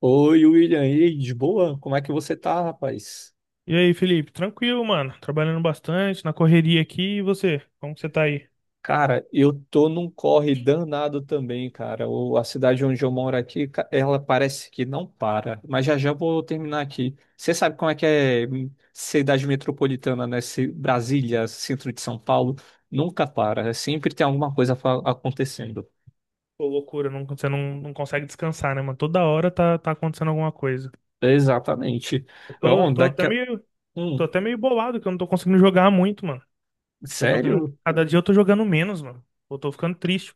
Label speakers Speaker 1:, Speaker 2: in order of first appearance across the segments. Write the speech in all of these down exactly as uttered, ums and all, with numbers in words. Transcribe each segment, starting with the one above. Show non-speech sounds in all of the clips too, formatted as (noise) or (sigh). Speaker 1: Oi, William, e aí, de boa? Como é que você tá, rapaz?
Speaker 2: E aí, Felipe? Tranquilo, mano. Trabalhando bastante, na correria aqui. E você? Como que você tá aí?
Speaker 1: Cara, eu tô num corre danado também, cara. O- a cidade onde eu moro aqui, ca- ela parece que não para. Mas já já vou terminar aqui. Você sabe como é que é hum, cidade metropolitana, né? Se- Brasília, centro de São Paulo, nunca para. É sempre tem alguma coisa fa- acontecendo.
Speaker 2: Pô, loucura, não, você não, não consegue descansar, né, mano? Toda hora tá, tá acontecendo alguma coisa.
Speaker 1: Exatamente.
Speaker 2: Eu tô,
Speaker 1: Então,
Speaker 2: tô até
Speaker 1: daqui a...
Speaker 2: meio, tô
Speaker 1: Hum,
Speaker 2: até meio bolado que eu não tô conseguindo jogar muito, mano. Tô jogando,
Speaker 1: sério?
Speaker 2: cada dia eu tô jogando menos, mano. Eu tô ficando triste.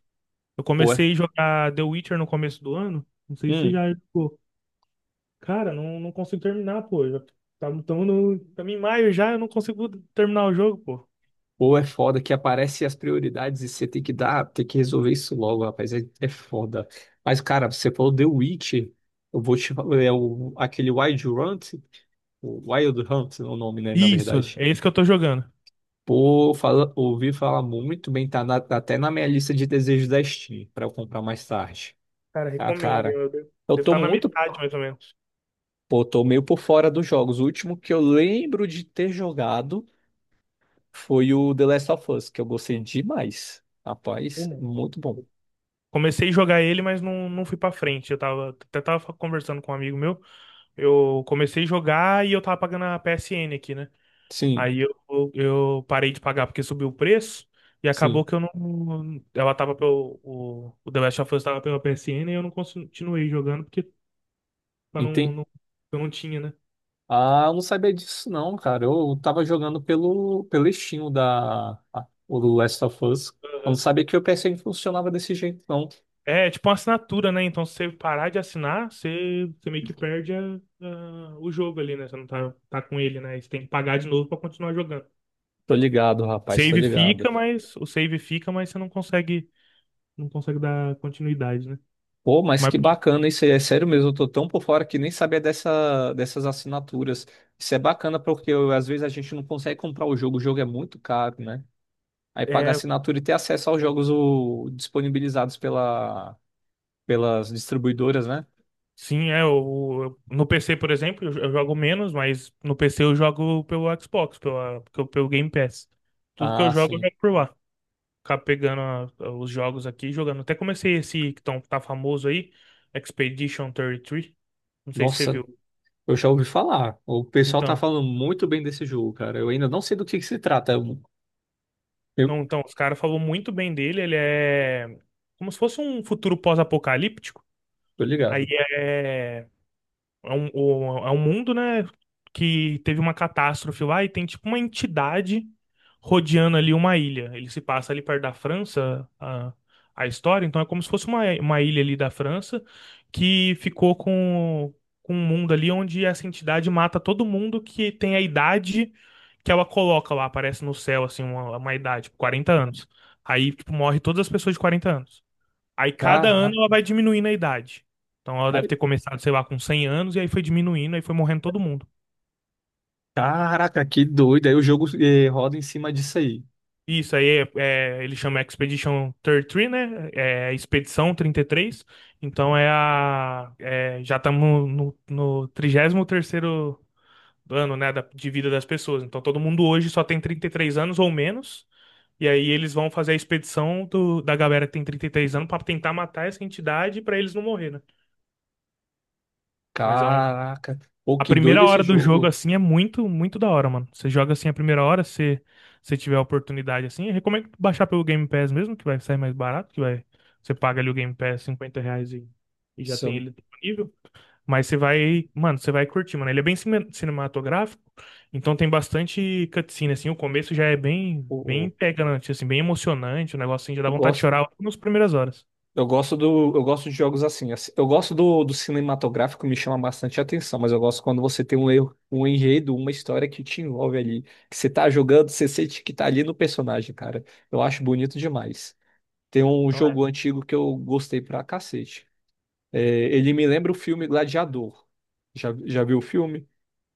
Speaker 2: Eu
Speaker 1: Ué.
Speaker 2: comecei a jogar The Witcher no começo do ano. Não sei se você já jogou. Cara, não, não consigo terminar, pô. Já, tá, tamo no, tamo em maio já, eu não consigo terminar o jogo, pô.
Speaker 1: Ou é foda que aparece as prioridades e você tem que dar, tem que resolver isso logo, rapaz. É, é foda. Mas, cara, você falou The Witch. Eu vou te falar, é o, aquele Wild Hunt, o Wild Hunt é o nome, né, na
Speaker 2: Isso,
Speaker 1: verdade.
Speaker 2: é isso que eu tô jogando.
Speaker 1: Pô, fala, ouvi falar muito bem, tá na- tá até na minha lista de desejos da Steam, pra eu comprar mais tarde.
Speaker 2: Cara,
Speaker 1: Ah,
Speaker 2: recomendo.
Speaker 1: cara,
Speaker 2: Eu devo,
Speaker 1: eu
Speaker 2: devo
Speaker 1: tô
Speaker 2: estar na
Speaker 1: muito,
Speaker 2: metade, mais ou menos.
Speaker 1: pô, tô meio por fora dos jogos. O último que eu lembro de ter jogado foi o The Last of Us, que eu gostei demais. Rapaz,
Speaker 2: Como?
Speaker 1: muito bom.
Speaker 2: Comecei a jogar ele, mas não, não fui pra frente. Eu tava, até tava conversando com um amigo meu. Eu comecei a jogar e eu tava pagando a P S N aqui, né?
Speaker 1: Sim,
Speaker 2: Aí eu, eu parei de pagar porque subiu o preço. E acabou
Speaker 1: sim.
Speaker 2: que eu não. Ela tava pelo. O, o The Last of Us tava pela P S N e eu não continuei jogando porque pra não,
Speaker 1: Entendi.
Speaker 2: não, eu não tinha, né?
Speaker 1: Ah, eu não sabia disso não, cara. Eu tava jogando pelo, pelo Steam o da, a- o do Last of Us. Eu não
Speaker 2: Aham.
Speaker 1: sabia que o P S N funcionava desse jeito, não.
Speaker 2: É, tipo uma assinatura, né? Então, se você parar de assinar, você, você meio que perde a- a- o jogo ali, né? Você não tá, tá com ele, né? Você tem que pagar de novo pra continuar jogando.
Speaker 1: Tô ligado, rapaz, tô
Speaker 2: Save
Speaker 1: ligado.
Speaker 2: fica, mas o save fica, mas você não consegue, não consegue dar continuidade, né?
Speaker 1: Pô, mas
Speaker 2: Mas
Speaker 1: que
Speaker 2: pô,
Speaker 1: bacana isso aí. É sério mesmo, eu tô tão por fora que nem sabia dessa, dessas assinaturas. Isso é bacana porque eu- às vezes a gente não consegue comprar o jogo, o jogo é muito caro, né? Aí pagar
Speaker 2: é,
Speaker 1: assinatura e ter acesso aos jogos o- disponibilizados pela, pelas distribuidoras, né?
Speaker 2: sim, é o eu- no P C, por exemplo, eu, eu jogo menos, mas no P C eu jogo pelo Xbox, pela, pelo, pelo Game Pass. Tudo que eu
Speaker 1: Ah,
Speaker 2: jogo, eu
Speaker 1: sim.
Speaker 2: jogo por lá. Acabo pegando a- a- os jogos aqui e jogando. Até comecei esse que tão, tá famoso aí, Expedition trinta e três. Não sei se você
Speaker 1: Nossa,
Speaker 2: viu.
Speaker 1: eu já ouvi falar. O pessoal tá
Speaker 2: Então,
Speaker 1: falando muito bem desse jogo, cara. Eu ainda não sei do que que se trata. Eu, eu
Speaker 2: não, então os caras falam muito bem dele. Ele é como se fosse um futuro pós-apocalíptico.
Speaker 1: tô
Speaker 2: Aí
Speaker 1: ligado.
Speaker 2: é. é um, o- é um mundo, né, que teve uma catástrofe lá e tem tipo uma entidade rodeando ali uma ilha. Ele se passa ali perto da França, a, a história, então é como se fosse uma, uma ilha ali da França que ficou com, com um mundo ali onde essa entidade mata todo mundo que tem a idade que ela coloca lá, aparece no céu, assim, uma, uma idade, tipo, quarenta anos. Aí, tipo, morre todas as pessoas de quarenta anos. Aí cada ano
Speaker 1: Caraca,
Speaker 2: ela vai diminuindo a idade. Então ela deve
Speaker 1: ai,
Speaker 2: ter começado, sei lá, com cem anos, e aí foi diminuindo, aí foi morrendo todo mundo.
Speaker 1: caraca, que doido. Aí o jogo eh, roda em cima disso aí.
Speaker 2: Isso aí é, é, ele chama Expedition trinta e três, né? É é Expedição trinta e três. Então é a. é, já estamos no, no trigésimo terceiro ano, né, da- de vida das pessoas. Então todo mundo hoje só tem trinta e três anos ou menos. E aí eles vão fazer a expedição do- da galera que tem trinta e três anos para tentar matar essa entidade para eles não morrer, né? Mas é um,
Speaker 1: Caraca. Pô,
Speaker 2: a
Speaker 1: que doido
Speaker 2: primeira
Speaker 1: esse
Speaker 2: hora do jogo,
Speaker 1: jogo.
Speaker 2: assim, é muito, muito da hora, mano. Você joga assim a primeira hora, se você tiver a oportunidade, assim. Eu recomendo baixar pelo Game Pass mesmo, que vai sair mais barato, que vai. Você paga ali o Game Pass cinquenta reais e, e já
Speaker 1: Se
Speaker 2: tem
Speaker 1: Eu,
Speaker 2: ele disponível. Mas você vai, mano, você vai curtir, mano. Ele é bem cine- cinematográfico, então tem bastante cutscene, assim. O começo já é bem, bem
Speaker 1: pô,
Speaker 2: pegante, assim, bem emocionante. O negócio assim, já dá
Speaker 1: eu
Speaker 2: vontade de
Speaker 1: gosto,
Speaker 2: chorar logo nas primeiras horas.
Speaker 1: eu gosto do, eu gosto de jogos assim. Assim, eu gosto do, do cinematográfico, me chama bastante atenção, mas eu gosto quando você tem um, erro- um enredo, uma história que te envolve ali. Que você tá jogando, você sente que tá ali no personagem, cara. Eu acho bonito demais. Tem um
Speaker 2: Então é.
Speaker 1: jogo antigo que eu gostei pra cacete. É, ele me lembra o filme Gladiador. Já, já viu o filme?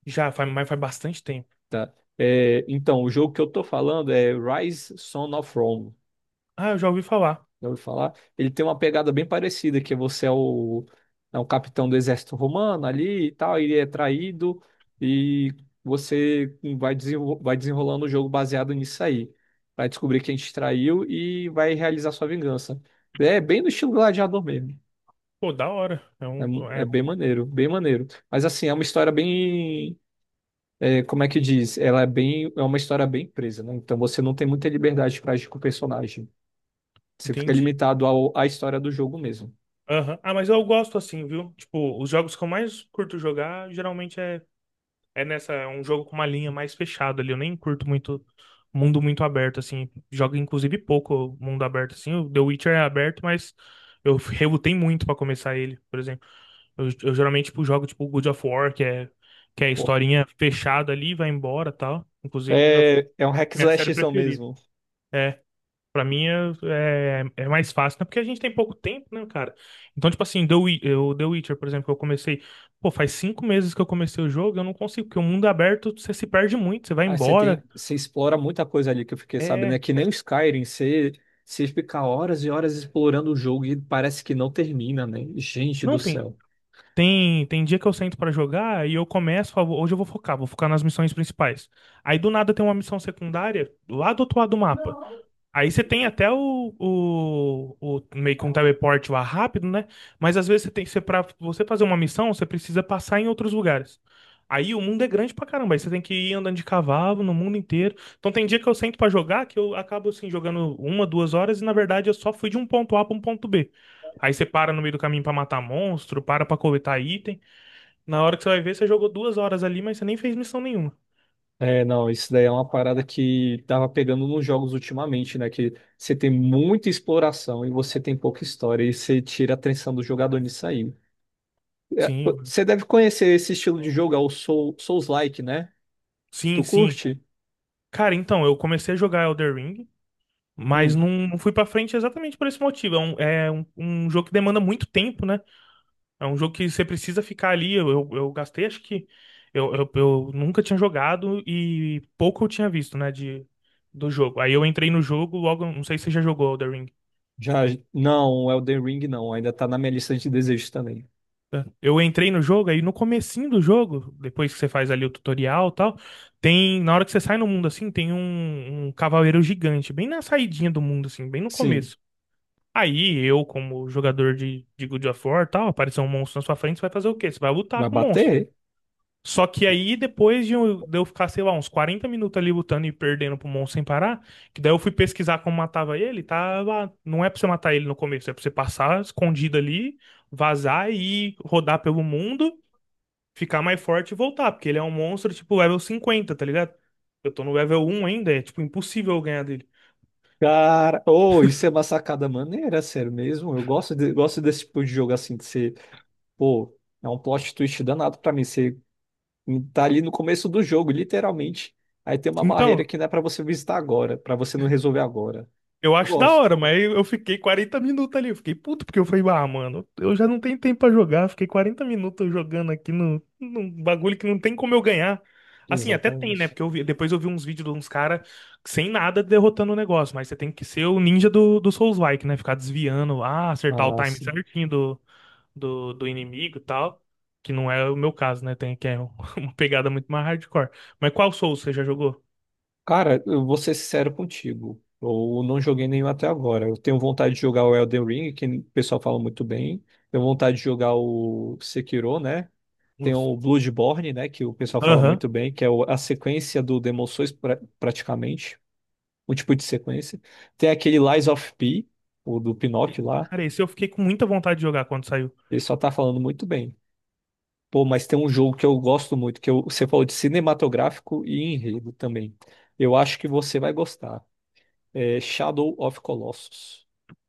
Speaker 2: Já, faz, mas faz bastante tempo.
Speaker 1: Tá. É, então, o jogo que eu tô falando é Rise, Son of Rome.
Speaker 2: Ah, eu já ouvi falar.
Speaker 1: Já ouviu falar? Ele tem uma pegada bem parecida, que você é o, é o capitão do exército romano ali e tal, ele é traído e você vai, desenro- vai desenrolando o jogo baseado nisso aí. Vai descobrir quem te traiu e vai realizar sua vingança. É bem no estilo Gladiador mesmo.
Speaker 2: Pô, da hora. É um,
Speaker 1: É, mu-
Speaker 2: é
Speaker 1: é bem
Speaker 2: um
Speaker 1: maneiro, bem maneiro. Mas assim, é uma história bem. É, como é que diz? Ela é bem. É uma história bem presa, né? Então você não tem muita liberdade para agir com o personagem. Você fica
Speaker 2: Entendi.
Speaker 1: limitado ao, à história do jogo mesmo.
Speaker 2: Aham. Ah, mas eu gosto assim, viu? Tipo, os jogos que eu mais curto jogar geralmente é, é nessa, é um jogo com uma linha mais fechada ali. Eu nem curto muito mundo muito aberto, assim. Jogo, inclusive, pouco mundo aberto, assim. O The Witcher é aberto, mas eu (laughs) relutei muito pra começar ele, por exemplo. Eu, eu geralmente, tipo, jogo, tipo, God of War, que é, que é a
Speaker 1: Pô,
Speaker 2: historinha fechada ali, vai embora e tal. Inclusive, God of War, é
Speaker 1: é, é um hack
Speaker 2: minha série
Speaker 1: slashzão
Speaker 2: preferida.
Speaker 1: mesmo.
Speaker 2: É. Pra mim é, é, é mais fácil, né? Porque a gente tem pouco tempo, né, cara? Então, tipo assim, The, Wi- eu- The Witcher, por exemplo, que eu comecei. Pô, faz cinco meses que eu comecei o jogo, eu não consigo, porque o mundo aberto você se perde muito, você vai
Speaker 1: Aí você tem.
Speaker 2: embora.
Speaker 1: Você explora muita coisa ali que eu fiquei sabendo.
Speaker 2: É.
Speaker 1: É que nem o Skyrim, você, você fica horas e horas explorando o jogo e parece que não termina, né? Gente do
Speaker 2: Não, tem.
Speaker 1: céu.
Speaker 2: Tem, tem dia que eu sento pra jogar e eu começo, falo, hoje eu vou focar, vou focar nas missões principais. Aí do nada tem uma missão secundária lá do outro lado do mapa. Aí você tem até o, o, o- meio que um teleporte lá rápido, né? Mas às vezes você tem você para você fazer uma missão, você precisa passar em outros lugares. Aí o mundo é grande pra caramba, aí você tem que ir andando de cavalo no mundo inteiro. Então tem dia que eu sento pra jogar que eu acabo assim jogando uma, duas horas e na verdade eu só fui de um ponto A pra um ponto B. Aí você para no meio do caminho pra matar monstro, para pra coletar item. Na hora que você vai ver, você jogou duas horas ali, mas você nem fez missão nenhuma.
Speaker 1: É, não, isso daí é uma parada que tava pegando nos jogos ultimamente, né? Que você tem muita exploração e você tem pouca história e você tira a atenção do jogador nisso aí. É,
Speaker 2: Sim, eu-
Speaker 1: pô, você deve conhecer esse estilo de jogo, é o Soul, Souls-like, né?
Speaker 2: sim,
Speaker 1: Tu
Speaker 2: sim.
Speaker 1: curte?
Speaker 2: Cara, então, eu comecei a jogar Elder Ring. Mas
Speaker 1: Hum,
Speaker 2: não, não fui pra frente exatamente por esse motivo. É um, é um, um jogo que demanda muito tempo, né? É um jogo que você precisa ficar ali. Eu, eu, eu gastei, acho que. Eu, eu, eu nunca tinha jogado e pouco eu tinha visto, né? De, do jogo. Aí eu entrei no jogo logo. Não sei se você já jogou Elden Ring.
Speaker 1: já, não, Elden Ring não, ainda tá na minha lista de desejos também.
Speaker 2: Tá? Eu entrei no jogo, aí no comecinho do jogo, depois que você faz ali o tutorial e tal, tem. Na hora que você sai no mundo assim, tem um, um cavaleiro gigante, bem na saidinha do mundo, assim, bem no
Speaker 1: Sim.
Speaker 2: começo. Aí eu, como jogador de, de God of War, e tal, aparecer um monstro na sua frente, você vai fazer o quê? Você vai lutar
Speaker 1: Vai
Speaker 2: com o monstro.
Speaker 1: bater?
Speaker 2: Só que aí, depois de eu, de eu ficar, sei lá, uns quarenta minutos ali lutando e perdendo pro monstro sem parar, que daí eu fui pesquisar como matava ele, tá lá. Não é pra você matar ele no começo, é pra você passar escondido ali, vazar e ir rodar pelo mundo, ficar mais forte e voltar, porque ele é um monstro tipo level cinquenta, tá ligado? Eu tô no level um ainda, é tipo impossível eu ganhar dele.
Speaker 1: Cara, oh, isso é uma sacada maneira, sério mesmo. Eu gosto, de- gosto desse tipo de jogo assim, de ser, pô, é um plot twist danado pra mim. Você tá ali no começo do jogo, literalmente. Aí tem uma barreira
Speaker 2: Então,
Speaker 1: que não é pra você visitar agora, pra você não resolver agora.
Speaker 2: eu
Speaker 1: Eu
Speaker 2: acho da
Speaker 1: gosto.
Speaker 2: hora, mas eu fiquei quarenta minutos ali. Eu fiquei puto porque eu falei, ah, mano, eu já não tenho tempo pra jogar. Fiquei quarenta minutos jogando aqui no, num bagulho que não tem como eu ganhar. Assim, até tem, né?
Speaker 1: Exatamente.
Speaker 2: Porque eu vi- depois eu vi uns vídeos de uns caras sem nada derrotando o negócio. Mas você tem que ser o ninja do, do Souls-like, né? Ficar desviando, ah, acertar o
Speaker 1: Ah,
Speaker 2: time
Speaker 1: sim.
Speaker 2: certinho do, do, do inimigo e tal. Que não é o meu caso, né? Tem que é (laughs) uma pegada muito mais hardcore. Mas qual Souls você já jogou?
Speaker 1: Cara, eu vou ser sincero contigo. Eu não joguei nenhum até agora. Eu tenho vontade de jogar o Elden Ring, que o pessoal fala muito bem. Tenho vontade de jogar o Sekiro, né? Tem
Speaker 2: Nossa.
Speaker 1: o Bloodborne, né? Que o pessoal fala
Speaker 2: Aham.
Speaker 1: muito bem, que é o- a sequência do Demon Souls, pra- praticamente. Um tipo de sequência. Tem aquele Lies of P, o do Pinóquio lá.
Speaker 2: Cara, esse eu fiquei com muita vontade de jogar quando saiu.
Speaker 1: Ele só tá falando muito bem. Pô, mas tem um jogo que eu gosto muito, que eu- você falou de cinematográfico e enredo também. Eu acho que você vai gostar. É Shadow of Colossus.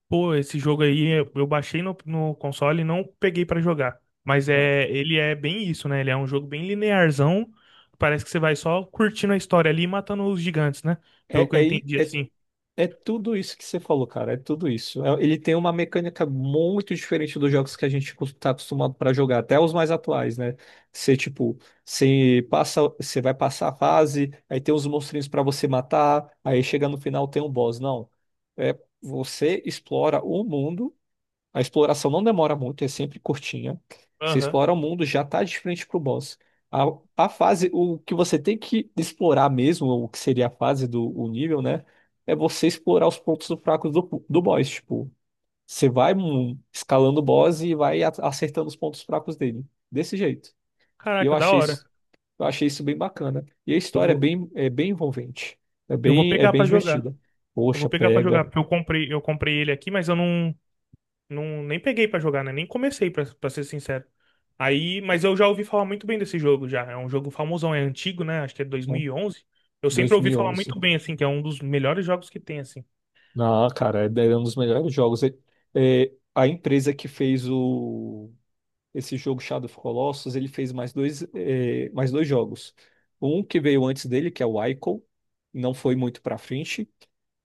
Speaker 2: Pô, esse jogo aí eu eu baixei no, no console e não peguei pra jogar. Mas é, ele é bem isso, né? Ele é um jogo bem linearzão. Parece que você vai só curtindo a história ali e matando os gigantes, né? Pelo
Speaker 1: É,
Speaker 2: que eu
Speaker 1: é,
Speaker 2: entendi
Speaker 1: é, é
Speaker 2: assim.
Speaker 1: é tudo isso que você falou, cara. É tudo isso. É- ele tem uma mecânica muito diferente dos jogos que a gente está acostumado para jogar, até os mais atuais, né? Você, tipo, você passa, você vai passar a fase, aí tem os monstrinhos para você matar, aí chega no final tem um boss. Não. É, você explora o mundo. A exploração não demora muito, é sempre curtinha. Você
Speaker 2: Aham.
Speaker 1: explora o mundo, já tá de frente pro boss. A, a fase, o que você tem que explorar mesmo, o que seria a fase do o nível, né? É você explorar os pontos fracos do, do boss. Tipo, você vai hum, escalando o boss e vai a- acertando os pontos fracos dele. Desse jeito. E eu
Speaker 2: Caraca, da
Speaker 1: achei
Speaker 2: hora.
Speaker 1: isso, eu achei isso bem bacana. E a
Speaker 2: Eu
Speaker 1: história é
Speaker 2: vou,
Speaker 1: bem, é bem envolvente. É
Speaker 2: eu vou
Speaker 1: bem, é
Speaker 2: pegar
Speaker 1: bem
Speaker 2: pra jogar.
Speaker 1: divertida.
Speaker 2: Eu vou
Speaker 1: Poxa,
Speaker 2: pegar pra jogar,
Speaker 1: pega,
Speaker 2: porque eu comprei, eu comprei ele aqui, mas eu não. Não, nem peguei pra jogar, né? Nem comecei, pra, pra ser sincero. Aí, mas eu já ouvi falar muito bem desse jogo já. É um jogo famosão, é antigo, né? Acho que é dois mil
Speaker 1: né?
Speaker 2: e onze Eu sempre ouvi falar
Speaker 1: dois mil e onze.
Speaker 2: muito bem, assim, que é um dos melhores jogos que tem, assim.
Speaker 1: Não, cara, é é um dos melhores jogos. É- é, a empresa que fez o, esse jogo Shadow of Colossus, ele fez mais dois, é, mais dois jogos. Um que veio antes dele, que é o Ico, não foi muito pra frente.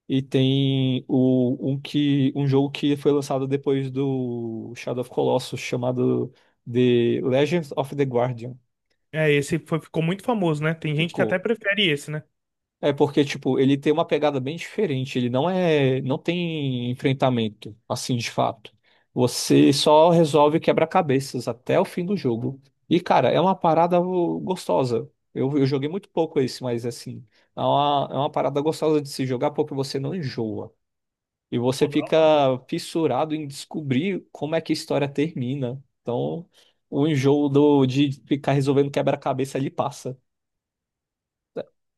Speaker 1: E tem o, um, que, um jogo que foi lançado depois do Shadow of Colossus, chamado The Legends of the Guardian.
Speaker 2: É, esse foi- ficou muito famoso, né? Tem gente que até
Speaker 1: Ficou
Speaker 2: prefere esse, né?
Speaker 1: é porque, tipo, ele tem uma pegada bem diferente. Ele não é, não tem enfrentamento, assim, de fato. Você só resolve quebra-cabeças até o fim do jogo. E, cara, é uma parada gostosa. Eu, eu joguei muito pouco esse, mas, assim, é uma, é uma parada gostosa de se jogar porque você não enjoa. E
Speaker 2: Pô,
Speaker 1: você
Speaker 2: da
Speaker 1: fica
Speaker 2: hora, mano.
Speaker 1: fissurado em descobrir como é que a história termina. Então, o enjoo do, de ficar resolvendo quebra-cabeça ali passa.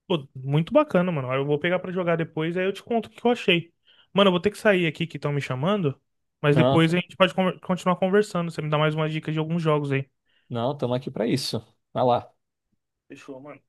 Speaker 2: Pô, muito bacana, mano. Eu vou pegar pra jogar depois, aí eu te conto o que eu achei. Mano, eu vou ter que sair aqui que estão me chamando, mas
Speaker 1: Não,
Speaker 2: depois
Speaker 1: tra-
Speaker 2: a gente pode conver- continuar conversando. Você me dá mais umas dicas de alguns jogos aí.
Speaker 1: não, estamos aqui para isso. Vai lá.
Speaker 2: Fechou, mano.